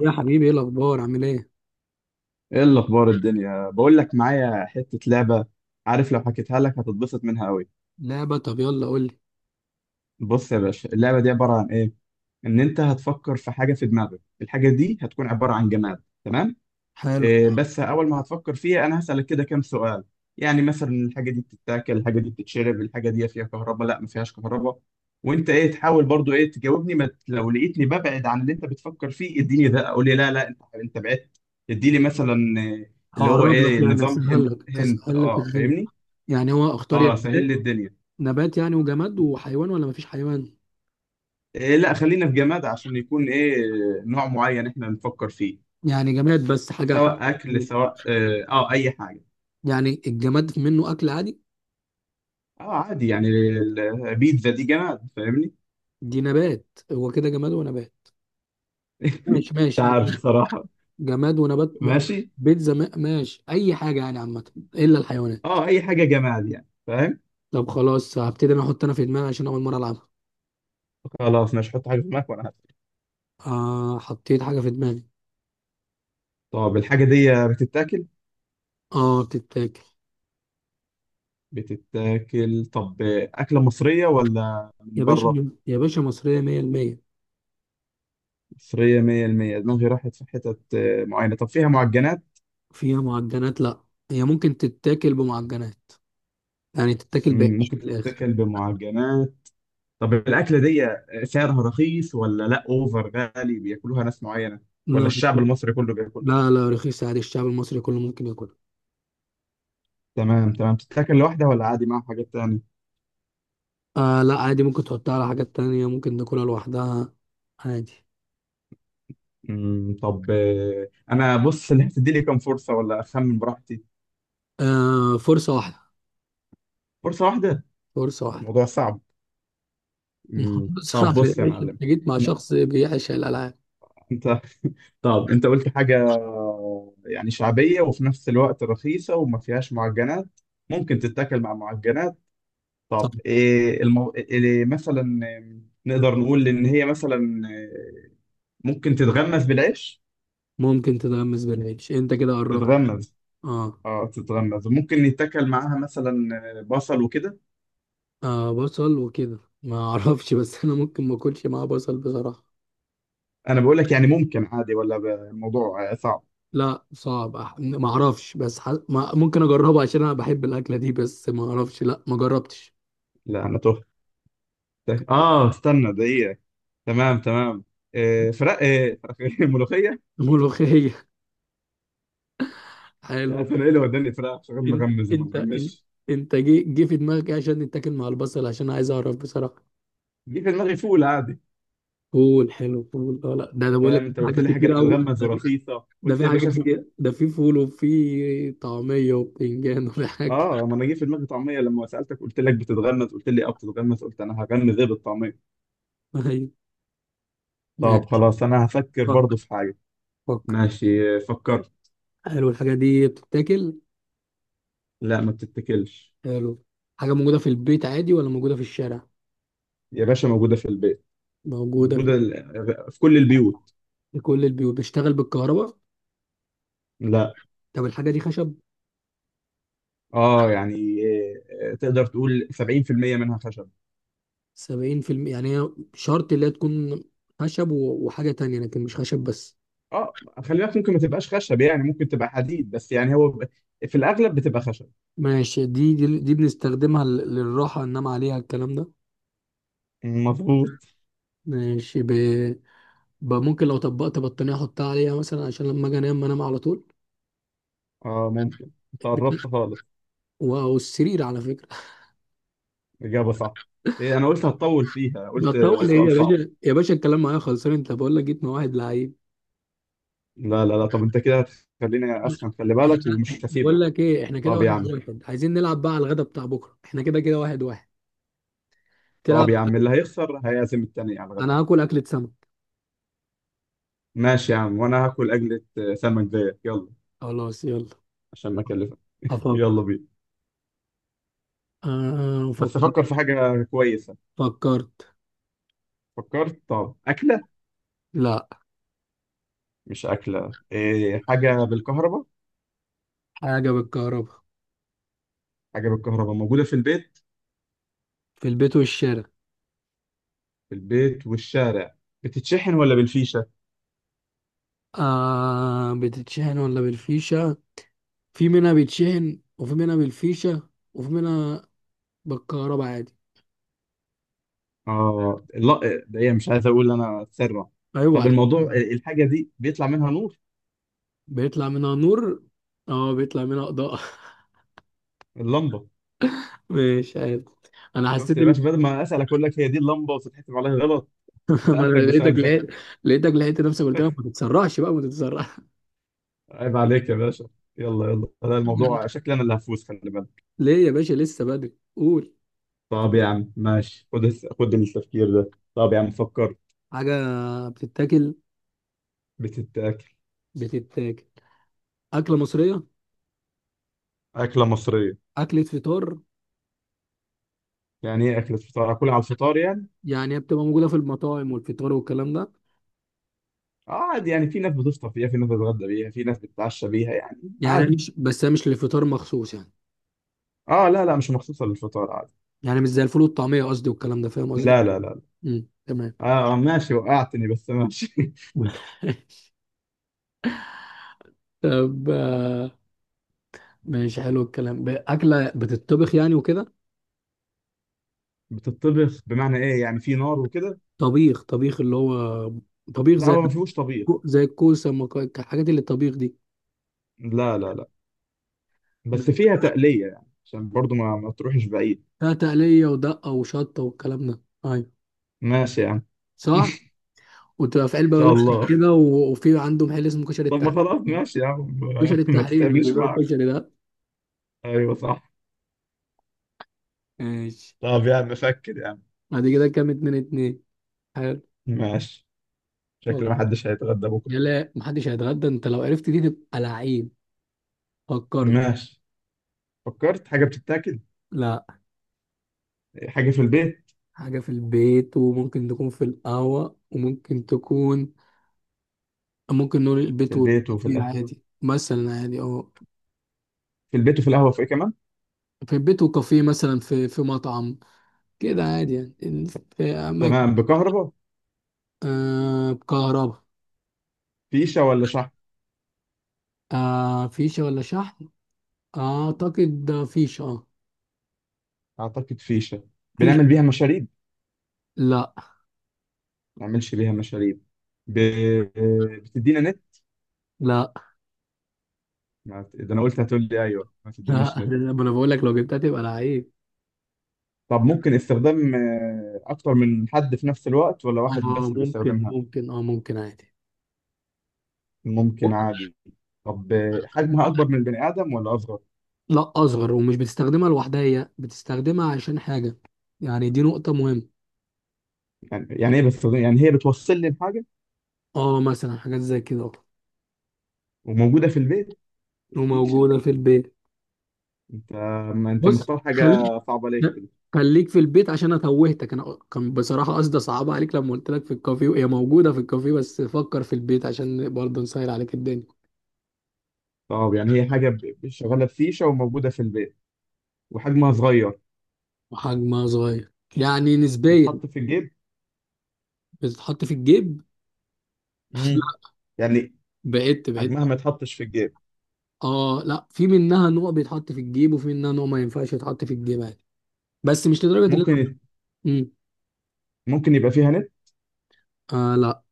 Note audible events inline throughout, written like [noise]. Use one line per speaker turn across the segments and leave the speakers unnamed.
يا حبيبي ايه الاخبار عامل ايه؟
ايه الاخبار؟ الدنيا، بقول لك معايا حته لعبه. عارف لو حكيتها لك هتتبسط منها قوي.
لعبه؟ طب يلا قول لي.
بص يا باشا، اللعبه دي عباره عن ايه؟ ان انت هتفكر في حاجه في دماغك، الحاجه دي هتكون عباره عن جماد، تمام؟
حلو.
بس اول ما هتفكر فيها انا هسألك كده كام سؤال. يعني مثلا الحاجه دي بتتاكل، الحاجه دي بتتشرب، الحاجه دي فيها كهرباء لا ما فيهاش كهرباء. وانت ايه تحاول برضو ايه تجاوبني. ما ت- لو لقيتني ببعد عن اللي انت بتفكر فيه اديني ده، قول لي لا لا، انت بعدت. اديني مثلا اللي هو
هقرب لك
ايه،
يعني
نظام
اسهل
هند
لك
هند،
اسهل لك
اه،
ازاي؟
فاهمني.
يعني هو اختار يا
اه سهل
نبات.
لي الدنيا.
نبات يعني وجماد وحيوان ولا مفيش حيوان؟
إيه لا، خلينا في جماد عشان يكون ايه، نوع معين احنا نفكر فيه.
يعني جماد بس حاجه حاجة.
سواء اكل
يعني
سواء اي حاجه.
يعني الجماد منه اكل عادي.
اه عادي، يعني البيتزا دي جماد، فاهمني؟
دي نبات. هو كده جماد ونبات؟
[laughs]
ماشي
مش
ماشي
عارف
جماد.
الصراحة.
جماد ونبات بقى.
ماشي.
بيتزا ماشي اي حاجه يعني عامه الا الحيوانات.
اه اي حاجة جماد، يعني فاهم.
طب خلاص هبتدي انا احط في دماغي عشان اول مره العبها.
خلاص ماشي، حط حاجة في دماغك وانا هسأل.
آه حطيت حاجه في دماغي.
طب الحاجة دي بتتاكل؟
اه بتتاكل.
بتتاكل، طب أكلة مصرية ولا من
يا باشا
بره؟
يا باشا مصرية 100%.
مصرية 100%. دماغي راحت في حتت معينة. طب فيها معجنات؟
فيها معجنات لا، هي ممكن تتاكل بمعجنات يعني تتاكل بعيش
ممكن
في الآخر.
تتاكل بمعجنات. طب الأكلة دي سعرها رخيص ولا لا أوفر؟ غالي بياكلوها ناس معينة، ولا
لا
الشعب
رخيص.
المصري كله بياكلها؟
لا رخيص عادي الشعب المصري كله ممكن ياكلها.
تمام تمام. بتتاكل لوحدها ولا عادي معاها حاجات تانية؟
آه لا عادي ممكن تحطها على حاجات تانية ممكن تاكلها لوحدها عادي.
طب آه، انا بص، اللي هتدي لي كام فرصه ولا اخمن براحتي؟
آه فرصة واحدة.
فرصه واحده.
فرصة
ده
واحدة.
الموضوع صعب.
[laughs] ما هو
طب
صعب يا
بص يا
باشا
معلم.
انت جيت مع
إحنا-
شخص بيعشق الألعاب.
انت، طب انت قلت حاجه يعني شعبيه وفي نفس الوقت رخيصه، وما فيهاش معجنات، ممكن تتاكل مع معجنات.
صح.
طب إيه مثلا؟ آه، نقدر نقول ان هي مثلا آه، ممكن تتغمس بالعيش.
ممكن تتغمس بالعيش انت كده قربت.
تتغمس،
اه
اه تتغمز، ممكن يتاكل معاها مثلا بصل وكده.
آه بصل وكده ما [laughs] اعرفش، بس انا ممكن ما اكلش معاه بصل بصراحة.
انا بقول لك يعني ممكن عادي ولا الموضوع صعب؟
لا صعب ما اعرفش، بس ح... ما... ممكن اجربها عشان انا بحب الاكله دي، بس ما اعرفش لا ما جربتش.
لا انا تهت. اه استنى دقيقة. تمام تمام. آه فراخ، آه فراخ، إيه؟ [laughs] ملوخية.
ملوخيه. [laughs]
مش
حلو.
عارف انا ايه اللي وداني فراخ، شغال
انت
بغمز وما
انت انت,
بغمزش.
انت جه في دماغك إيه عشان نتاكل مع البصل؟ عشان عايز اعرف بصراحه.
جه في دماغي فول عادي.
فول حلو. فول اه لا ده بقول لك
فاهم،
في
انت قلت
حاجات
لي حاجة
كتير قوي
بتتغمز ورخيصة،
ده
قلت
في
يا
حاجات
باشا فول.
كتير، ده في فول وفي طعميه وبتنجان وفي حاجه.
اه ما انا جه في دماغي طعمية، لما سألتك قلت لك بتتغمز، قلت لي اه بتتغمز، قلت انا هغمز ايه بالطعمية.
ايوه
طب
ماشي.
خلاص، انا هفكر
فكر.
برضو في حاجة.
فكر.
ماشي فكرت.
حلو، الحاجه دي بتتاكل؟
لا ما بتتاكلش.
حلو. حاجه موجوده في البيت عادي ولا موجوده في الشارع؟
يا باشا موجودة في البيت.
موجودة
موجودة
في
في كل البيوت.
لكل البيوت؟ بيشتغل بالكهرباء؟
لا.
طب الحاجة دي خشب؟
اه يعني تقدر تقول 70% منها خشب.
سبعين في المية يعني، هي شرط اللي هي تكون خشب وحاجة تانية لكن مش خشب بس.
اه خلي بالك، ممكن ما تبقاش خشب، يعني ممكن تبقى حديد بس، يعني هو في الأغلب بتبقى خشب.
ماشي دي بنستخدمها للراحة ننام عليها الكلام ده.
مظبوط.
ماشي ممكن لو طبقت بطانية أحطها عليها مثلا عشان لما أجي أنام أنام على طول.
اه ممكن، انت قربت
[laughs]
خالص.
والسرير على فكرة.
إجابة صح. إيه، أنا قلت هتطول فيها، قلت.
بطول إيه
سؤال
يا
صعب.
باشا؟ يا باشا الكلام معايا خلصان، أنت بقول لك جيت مع واحد لعيب.
لا لا لا، طب أنت كده هتخليني أسخن، خلي بالك ومش هسيبك.
بقول لك إيه، إحنا كده
طب يا
واحد
عم،
واحد، عايزين نلعب بقى على الغدا بتاع بكرة، إحنا كده كده واحد واحد
طب
تلعب.
يا عم، اللي هيخسر هيعزم التاني على الغدا.
انا هاكل اكلة سمك.
ماشي يا عم، وانا هاكل اكلة سمك زيك، يلا.
خلاص يلا.
عشان ما اكلفك.
افكر.
يلا بينا.
آه
بس افكر
فكرت.
في حاجة كويسة.
فكرت.
فكرت، طب اكلة؟
لا.
مش اكلة، إيه، حاجة بالكهرباء.
حاجة بالكهرباء.
حاجة بالكهرباء موجودة في البيت.
في البيت والشارع.
في البيت والشارع. بتتشحن ولا بالفيشة؟
آه بتتشحن ولا بالفيشة؟ في منها بيتشحن وفي منها بالفيشة وفي منها بالكهرباء عادي.
اه لا، ده مش عايز اقول انا اتسرع.
ايوه
طب
عادي.
الموضوع الحاجة دي بيطلع منها نور.
بيطلع منها نور. اه بيطلع منها اضاءة.
اللمبة.
[laughs] مش عارف، انا
شفت
حسيت
يا باشا بدل ما اسالك اقول لك هي دي اللمبة وتتحسب عليها غلط.
[laughs] ما انا
سالتك
لقيتك
بسؤال ذكي.
لقيت، لقيتك لقيت نفسك قلت لك ما تتسرعش بقى ما تتسرعش.
عيب عليك يا باشا. يلا يلا، ده الموضوع
[laughs]
شكلي انا اللي هفوز، خلي بالك.
ليه يا باشا؟ لسه بدري. قول.
طب يا عم ماشي، خد خد التفكير ده. طب يا عم فكر.
حاجة بتتاكل.
بتتاكل.
بتتاكل. أكلة مصرية.
اكله مصريه.
أكلة فطار.
يعني ايه اكله فطار، اكلها على الفطار يعني؟
يعني هي بتبقى موجودة في المطاعم والفطار والكلام ده.
آه عادي، يعني في ناس بتفطر فيها، في ناس بتتغدى بيها، في ناس بتتعشى بيها، يعني
يعني
عادي.
مش بس، هي مش للفطار مخصوص يعني.
اه لا لا، مش مخصوصه للفطار عادي.
يعني مش زي الفول والطعمية قصدي والكلام ده، فاهم قصدي؟
لا لا لا.
تمام.
اه ماشي، وقعتني بس، ماشي.
[laughs] طب ماشي حلو الكلام. أكلة بتطبخ يعني وكده.
[laughs] بتطبخ بمعنى ايه يعني، في نار وكده؟
طبيخ اللي هو طبيخ
لا
زي،
هو ما فيهوش طبيخ.
زي الكوسة الحاجات اللي الطبيخ دي
لا لا لا، بس فيها تقليه، يعني عشان برضو ما تروحش بعيد.
فيها تقلية ودقة وشطة والكلام ده أيوة.
ماشي يا عم.
صح؟
[laughs]
وتبقى في
ان
علبه
شاء
بلاستيك
الله.
كده وفي عندهم محل اسمه كشري
طب ما
التحرير.
خلاص ماشي يا عم،
كشري
[laughs] ما
التحرير اللي
تتعبنيش
بيبيع
معك.
الكشري ده.
ايوه صح.
ماشي.
طب يا عم فكر يا عم.
بعد كده كام اتنين اتنين. حلو.
ماشي. شكل
فك-
ما حدش هيتغدى بكره.
يا لا محدش هيتغدى، انت لو عرفت دي تبقى لعيب. فكرت.
ماشي، فكرت حاجه بتتاكل،
لا.
حاجه في البيت.
حاجه في البيت، وممكن تكون في القهوه وممكن تكون، ممكن نقول
في
البيت
البيت وفي
والكافيه
القهوه.
عادي مثلا، عادي اه.
في البيت وفي القهوه، في ايه كمان؟
في البيت وكافيه مثلا، في في مطعم كده عادي يعني، في اماكن.
تمام، بكهرباء.
آه كهرباء.
فيشه ولا شحن؟
آه فيشه ولا شحن؟ اعتقد فيش اه.
اعتقد فيشه.
فيش.
بنعمل بيها مشاريب؟
لا.
ما نعملش بيها مشاريب. ب... بتدينا نت؟
لا
ما ت- ده انا قلت هتقول لي ايوه، ما
لا
تديناش نت.
لا، ما انا بقول لك لو جبتها تبقى لعيب.
طب ممكن استخدام اكتر من حد في نفس الوقت ولا واحد
اه
بس اللي
ممكن،
بيستخدمها؟
ممكن اه، ممكن عادي.
ممكن عادي. طب حجمها اكبر من البني ادم ولا اصغر؟
لا اصغر، ومش بتستخدمها لوحدها، هي بتستخدمها عشان حاجه. يعني دي نقطه مهمه.
يعني ايه بس، يعني هي بتوصل لي الحاجه.
اه مثلا حاجات زي كده اه.
وموجوده في البيت. فيشه.
وموجوده في البيت.
انت، ما انت
بص
مختار
خليك،
حاجه. صعبه ليه كده؟
خليك في البيت عشان انا توهتك، انا كان بصراحه قصدي صعبه عليك لما قلت لك في الكافيه هي موجوده في الكافيه، بس فكر في البيت عشان برضه نسهل عليك الدنيا.
طب يعني هي حاجه شغاله بفيشه وموجوده في البيت وحجمها صغير.
وحجمها صغير. يعني نسبيا.
يتحط في الجيب.
بتتحط في الجيب.
امم،
[laughs]
يعني
بعدت بعدت.
حجمها ما يتحطش في الجيب؟
اه لا، في منها نوع بيتحط في الجيب وفي منها نوع ما ينفعش يتحط في الجيب عادي، بس مش لدرجه اللي.
ممكن.
امم
ممكن يبقى فيها نت؟
آه لا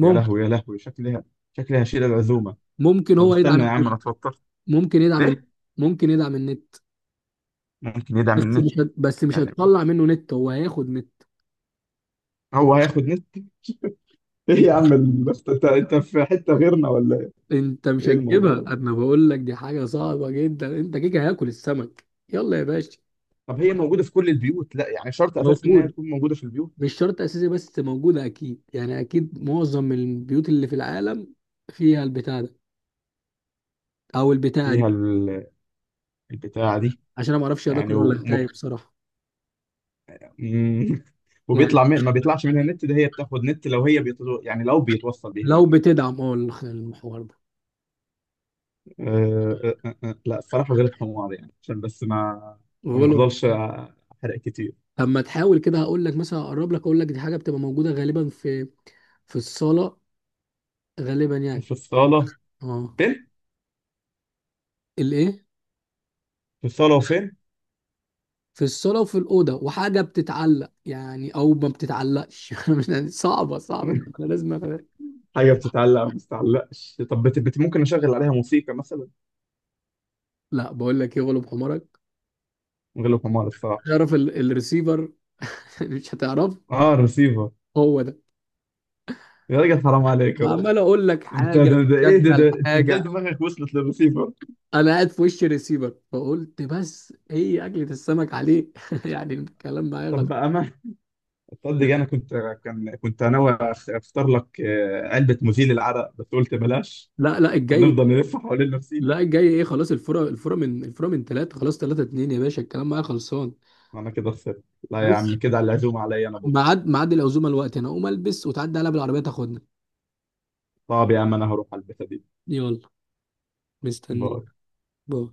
يا لهوي يا لهوي، شكلها، شكلها شيل العزومه.
ممكن
طب
هو يدعم
استنى يا عم، انا
النت.
اتوترت.
ممكن يدعم
ايه؟
النت. ممكن يدعم النت.
ممكن يدعم
بس
النت.
مش هت... بس مش
يعني
هتطلع منه نت، هو هياخد نت.
هو هياخد نت. ايه يا
مم.
عم، انت في حته غيرنا ولا ايه؟
انت مش
إيه الموضوع
هتجيبها،
ده؟
انا بقول لك دي حاجه صعبه جدا، انت كيكه هياكل السمك. يلا يا باشا.
طب هي موجوده في كل البيوت؟ لا يعني شرط اساسي انها
موجود.
تكون موجوده في البيوت.
مش شرط اساسي، بس موجوده اكيد، يعني اكيد معظم البيوت اللي في العالم فيها البتاع ده او البتاعه دي.
فيها البتاعه دي.
عشان انا ما اعرفش اذاكر
يعني
ولا
وم...
انتهي بصراحه.
مم. [laughs]
يعني
ما بيطلعش منها نت، ده هي بتاخد نت، لو هي يعني لو بيتوصل بيها
لو
نت.
بتدعم اه المحور ده.
أه... أه... أه... أه. لا الصراحه غير حمار، يعني عشان بس ما
غلط.
نفضلش احرق كتير.
طب ما تحاول كده هقول لك مثلا اقرب لك، اقول لك دي حاجه بتبقى موجوده غالبا في، في الصاله غالبا
في
يعني.
الصاله.
اه
فين؟
الايه.
في الصاله وفين؟
في الصاله وفي الاوضه، وحاجه بتتعلق يعني او ما بتتعلقش. [laughs] انا مش يعني، صعبه صعبه، طب انا
[laughs]
لازم أفهم.
حاجه بتتعلق ما بتتعلقش. طب ممكن اشغل عليها موسيقى مثلا؟
لا بقول لك ايه، غلب حمارك.
من غير الحمار الصراحه.
تعرف الريسيفر؟ [laughs] مش هتعرف.
اه رسيفر.
هو ده.
يا راجل حرام عليك يا
ما
راجل.
عمال اقول لك
انت ده,
حاجه
ده ايه؟ ده,
بتشغل
ده انت تلاقي
حاجه.
دماغك وصلت للرسيفر.
انا قاعد في وش الريسيفر فقلت، بس هي اكلة السمك عليه. [laughs] يعني الكلام معايا
طب
غلط.
بأمانة، تصدق انا كنت، كنت ناوي اختار لك علبة مزيل العرق بس قلت بلاش.
لا لا الجاي.
هنفضل نلف حوالين نفسينا.
لا الجاي ايه، خلاص الفرق، الفرق من ثلاثة، خلاص ثلاثة اتنين يا باشا الكلام معايا خلصان.
انا كده خسرت. لا يا
بص،
عم كده، على العزومة عليا انا بكره.
ميعاد العزومة الوقت، انا اقوم البس وتعدي عليا بالعربية تاخدنا.
طب يا عم انا هروح على البيت دي.
يلا. مستنيك.
باي.
باي.